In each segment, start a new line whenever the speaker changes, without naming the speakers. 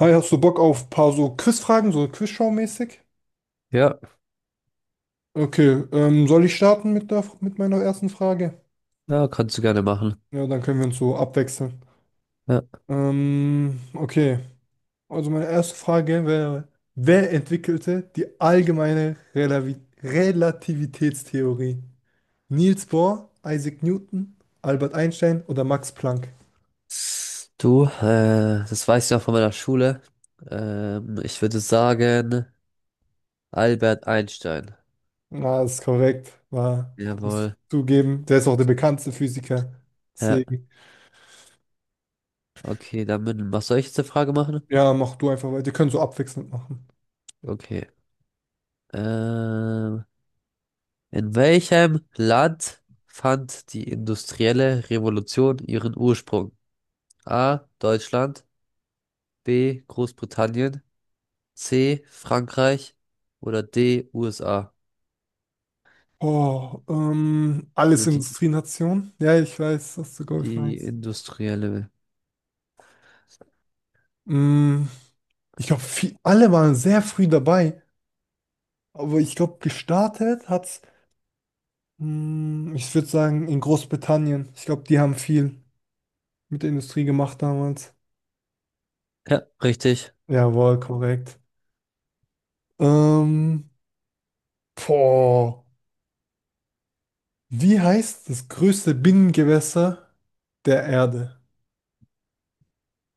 Hi, hast du Bock auf ein paar so Quizfragen, so Quizshow-mäßig?
Ja,
Okay, soll ich starten mit meiner ersten Frage?
ja, kannst du gerne machen.
Ja, dann können wir uns so abwechseln.
Ja.
Ähm, okay, also meine erste Frage wäre, wer entwickelte die allgemeine Relavi Relativitätstheorie? Niels Bohr, Isaac Newton, Albert Einstein oder Max Planck?
Du, das weiß ich noch von meiner Schule. Ich würde sagen, Albert Einstein.
Na, ist korrekt, muss
Jawohl.
zugeben. Der ist auch der bekannteste Physiker.
Ja,
Deswegen,
okay, dann was soll ich jetzt eine Frage machen?
ja, mach du einfach weiter. Wir können so abwechselnd machen.
Okay. Ähm, in welchem Land fand die industrielle Revolution ihren Ursprung? A. Deutschland, B. Großbritannien, C. Frankreich oder D. USA?
Oh, alles
Also die,
Industrienation. Ja, ich weiß, was du, glaube ich,
Die
meinst.
industrielle.
Mm, ich glaube, alle waren sehr früh dabei, aber ich glaube, gestartet hat's, ich würde sagen, in Großbritannien. Ich glaube, die haben viel mit der Industrie gemacht damals.
Ja, richtig.
Jawohl, korrekt. Ähm, boah, wie heißt das größte Binnengewässer der Erde?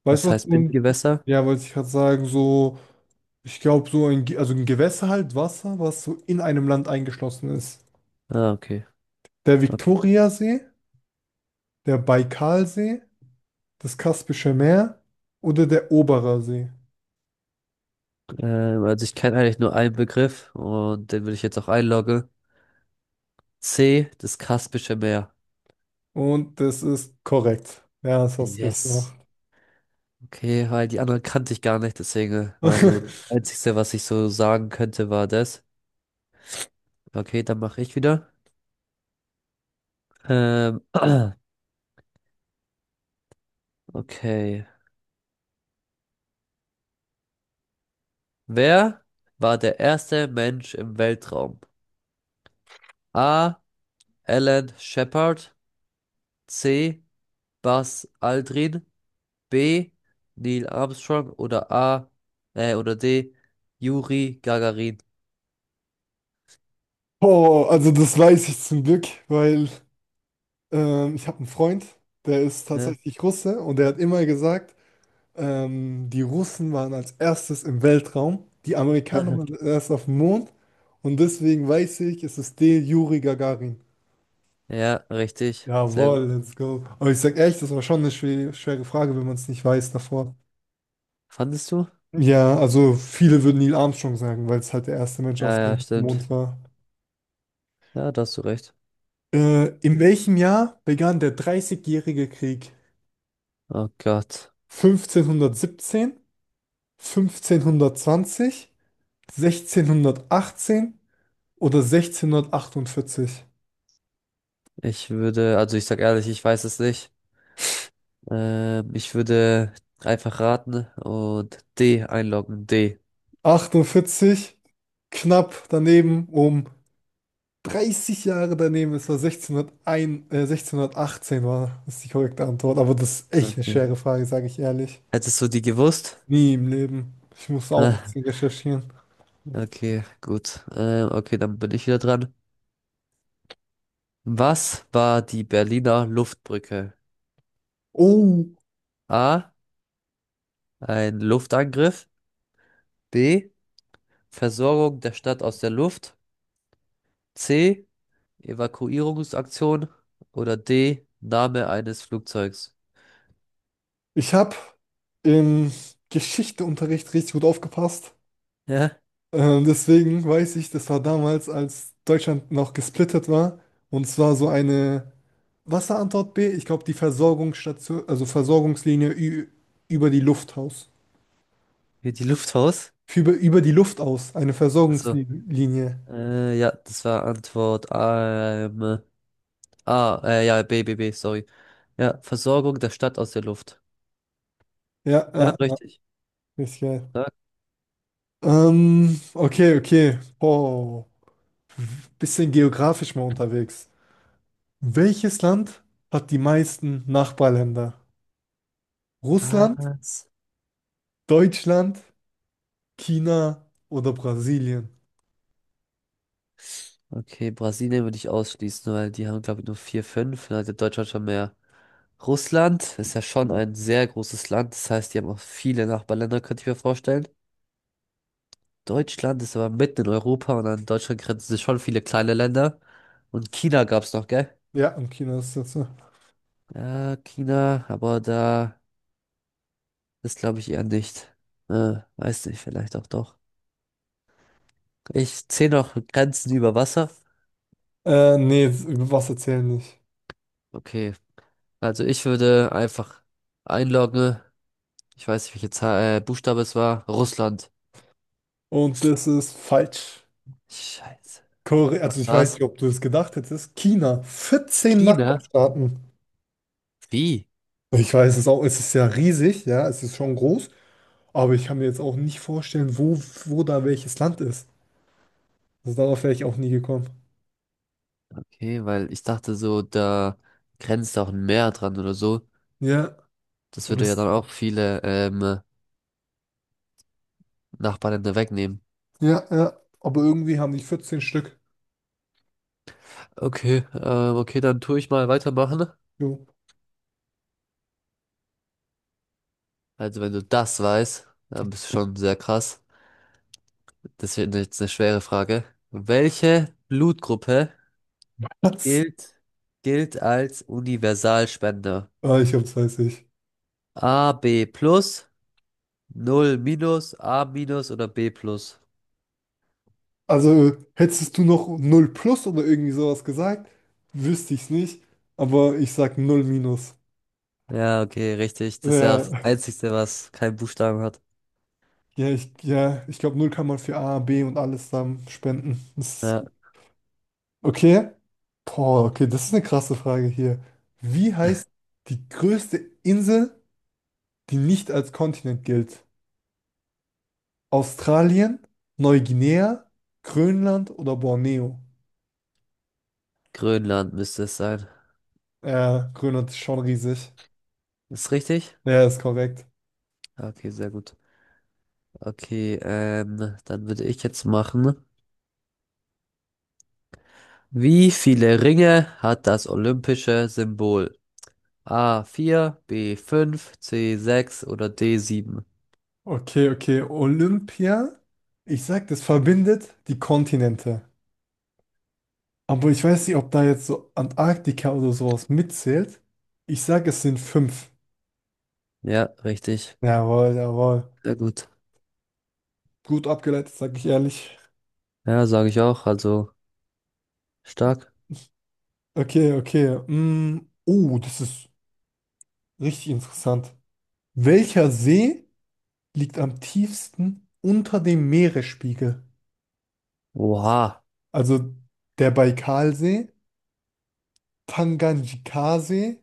Weißt du
Was
was?
heißt
Du.
Bindgewässer?
Ja, wollte ich gerade sagen, so, ich glaube, also ein Gewässer halt, Wasser, was so in einem Land eingeschlossen ist.
Ah, okay.
Der
Okay.
Viktoriasee, der Baikalsee, das Kaspische Meer oder der Oberer See.
Also ich kenne eigentlich nur einen Begriff und den will ich jetzt auch einloggen. C, das Kaspische Meer.
Und das ist korrekt. Ja, das hast du richtig
Yes.
gemacht.
Okay, weil die anderen kannte ich gar nicht, deswegen war so das Einzige, was ich so sagen könnte, war das. Okay, dann mache ich wieder. Ähm, okay. Wer war der erste Mensch im Weltraum? A. Alan Shepard. C. Buzz Aldrin. B. Neil Armstrong oder A. Oder D. Juri Gagarin.
Oh, also das weiß ich zum Glück, weil ich habe einen Freund, der ist
Ne?
tatsächlich Russe und der hat immer gesagt. Die Russen waren als erstes im Weltraum, die Amerikaner waren erst auf dem Mond und deswegen weiß ich, es ist der Juri Gagarin.
Ja, richtig. Sehr gut.
Jawohl, let's go. Aber ich sag echt, das war schon eine schwere, schwere Frage, wenn man es nicht weiß davor.
Fandest du?
Ja, also viele würden Neil Armstrong sagen, weil es halt der erste Mensch auf
Ja, ja,
dem
stimmt.
Mond war.
Ja, da hast du recht.
In welchem Jahr begann der Dreißigjährige Krieg?
Oh Gott.
1517, 1520, 1618 oder 1648?
Also ich sag ehrlich, ich weiß es nicht. Ich würde einfach raten und D einloggen. D.
48, knapp daneben, um 30 Jahre daneben. Es war 1618 ist die korrekte Antwort. Aber das ist echt eine
Okay.
schwere Frage, sage ich ehrlich.
Hättest du die gewusst?
Nie im Leben. Ich muss auch ein
Ah,
bisschen recherchieren.
okay, gut. Okay, dann bin ich wieder dran. Was war die Berliner Luftbrücke?
Oh,
A. Ein Luftangriff. B. Versorgung der Stadt aus der Luft. C. Evakuierungsaktion. Oder D. Name eines Flugzeugs.
ich habe im Geschichteunterricht richtig gut aufgepasst.
Ja,
Deswegen weiß ich, das war damals, als Deutschland noch gesplittet war. Und zwar so eine Wasserantwort B, ich glaube die Versorgungsstation, also über die Luft aus.
wie die Luft aus.
Über die Luft aus, eine
Achso.
Versorgungslinie.
Ja, das war Antwort A. Ja, B, B, B, sorry. Ja, Versorgung der Stadt aus der Luft.
Ja,
Ja,
ja, ja,
richtig.
ist geil.
Ja,
Okay, okay. Oh, bisschen geografisch mal unterwegs. Welches Land hat die meisten Nachbarländer? Russland,
krass.
Deutschland, China oder Brasilien?
Okay, Brasilien würde ich ausschließen, weil die haben, glaube ich, nur vier, fünf. Da hat Deutschland schon mehr. Russland ist ja schon ein sehr großes Land, das heißt, die haben auch viele Nachbarländer, könnte ich mir vorstellen. Deutschland ist aber mitten in Europa und an Deutschland grenzen sich schon viele kleine Länder. Und China gab's noch, gell?
Ja, im Kino ist das so.
Ja, China, aber da ist, glaube ich, eher nicht. Weiß nicht, vielleicht auch doch. Ich zähle noch Grenzen über Wasser.
Nee, über was erzählen nicht.
Okay, also ich würde einfach einloggen. Ich weiß nicht, welche Zahl, Buchstabe es war. Russland.
Und das ist falsch.
Scheiße.
Korea,
Was
also ich weiß
war's?
nicht, ob du es gedacht hättest. China, 14
China?
Nachbarstaaten.
Wie?
Ich weiß es auch, es ist ja riesig, ja, es ist schon groß, aber ich kann mir jetzt auch nicht vorstellen, wo da welches Land ist. Also darauf wäre ich auch nie gekommen.
Okay, weil ich dachte so, da grenzt auch ein Meer dran oder so.
Ja,
Das
und
würde ja
das,
dann auch viele Nachbarländer wegnehmen.
ja, ja, aber irgendwie haben die 14 Stück.
Okay, okay, dann tue ich mal weitermachen.
Jo.
Also wenn du das weißt, dann bist du schon sehr krass. Das wird jetzt eine schwere Frage. Welche Blutgruppe gilt, gilt als Universalspender?
Ich hab's, weiß ich.
A, B plus, Null minus, A minus oder B plus?
Also hättest du noch null plus oder irgendwie sowas gesagt, wüsste ich es nicht. Aber ich sag null minus.
Ja, okay, richtig. Das ist ja auch
Ja,
das Einzige, was keinen Buchstaben hat.
ja, ich, ja, ich glaube, null kann man für A, B und alles zusammen spenden. Das ist
Ja.
gut. Okay. Boah, okay, das ist eine krasse Frage hier. Wie heißt die größte Insel, die nicht als Kontinent gilt? Australien, Neuguinea, Grönland oder Borneo?
Grönland müsste es sein.
Ja, Grönland ist schon riesig.
Ist richtig?
Ja, ist korrekt.
Ah, okay, sehr gut. Okay, dann würde ich jetzt machen. Wie viele Ringe hat das olympische Symbol? A. vier, B. fünf, C. sechs oder D. sieben?
Okay, okay. Olympia, ich sag, das verbindet die Kontinente. Aber ich weiß nicht, ob da jetzt so Antarktika oder sowas mitzählt. Ich sag, es sind fünf.
Ja, richtig.
Jawohl, jawohl.
Sehr gut.
Gut abgeleitet, sag ich ehrlich.
Ja, sage ich auch. Also stark.
Okay, okay. Oh, das ist richtig interessant. Welcher See liegt am tiefsten unter dem Meeresspiegel?
Oha.
Also der Baikalsee, Tanganjikasee,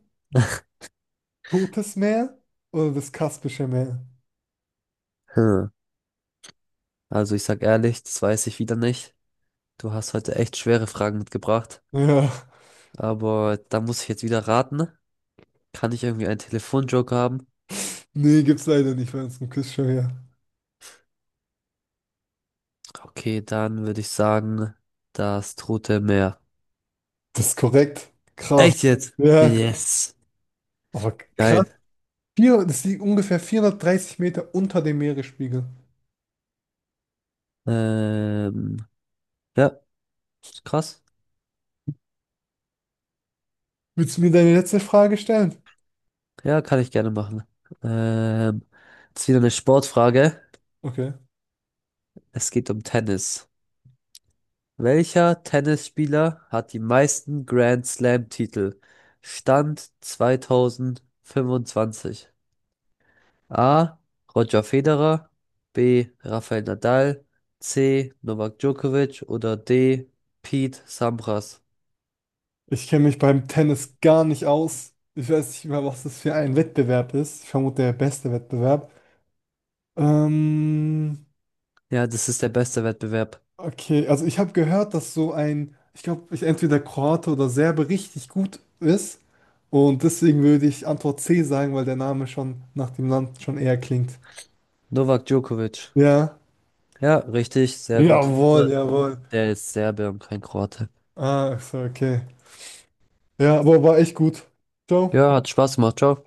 Totes Meer oder das Kaspische Meer?
Hm. Also ich sag ehrlich, das weiß ich wieder nicht. Du hast heute echt schwere Fragen mitgebracht.
Ja,
Aber da muss ich jetzt wieder raten. Kann ich irgendwie einen Telefonjoker haben?
nee, gibt's leider nicht bei uns im Quizshow hier.
Okay, dann würde ich sagen, das Tote Meer.
Das ist korrekt. Krass.
Echt jetzt?
Ja,
Yes.
aber krass.
Geil.
Vier, das liegt ungefähr 430 Meter unter dem Meeresspiegel.
Ähm, ja, ist krass.
Willst du mir deine letzte Frage stellen?
Ja, kann ich gerne machen. Ähm, Jetzt wieder eine Sportfrage.
Okay.
Es geht um Tennis. Welcher Tennisspieler hat die meisten Grand Slam-Titel? Stand 2025. A. Roger Federer. B. Rafael Nadal. C. Novak Djokovic. Oder D. Pete Sampras.
Ich kenne mich beim Tennis gar nicht aus. Ich weiß nicht mal, was das für ein Wettbewerb ist. Ich vermute, der beste Wettbewerb. Ähm,
Ja, das ist der beste Wettbewerb.
Okay, also ich habe gehört, dass so ein, ich glaube, ich entweder Kroate oder Serbe richtig gut ist. Und deswegen würde ich Antwort C sagen, weil der Name schon nach dem Land schon eher klingt.
Novak Djokovic.
Ja.
Ja, richtig, sehr gut.
Jawohl,
Aber
jawohl.
der ist Serbe und kein Kroate.
Ah, so, okay. Ja, aber war echt gut. Ciao.
Ja, hat Spaß gemacht. Ciao.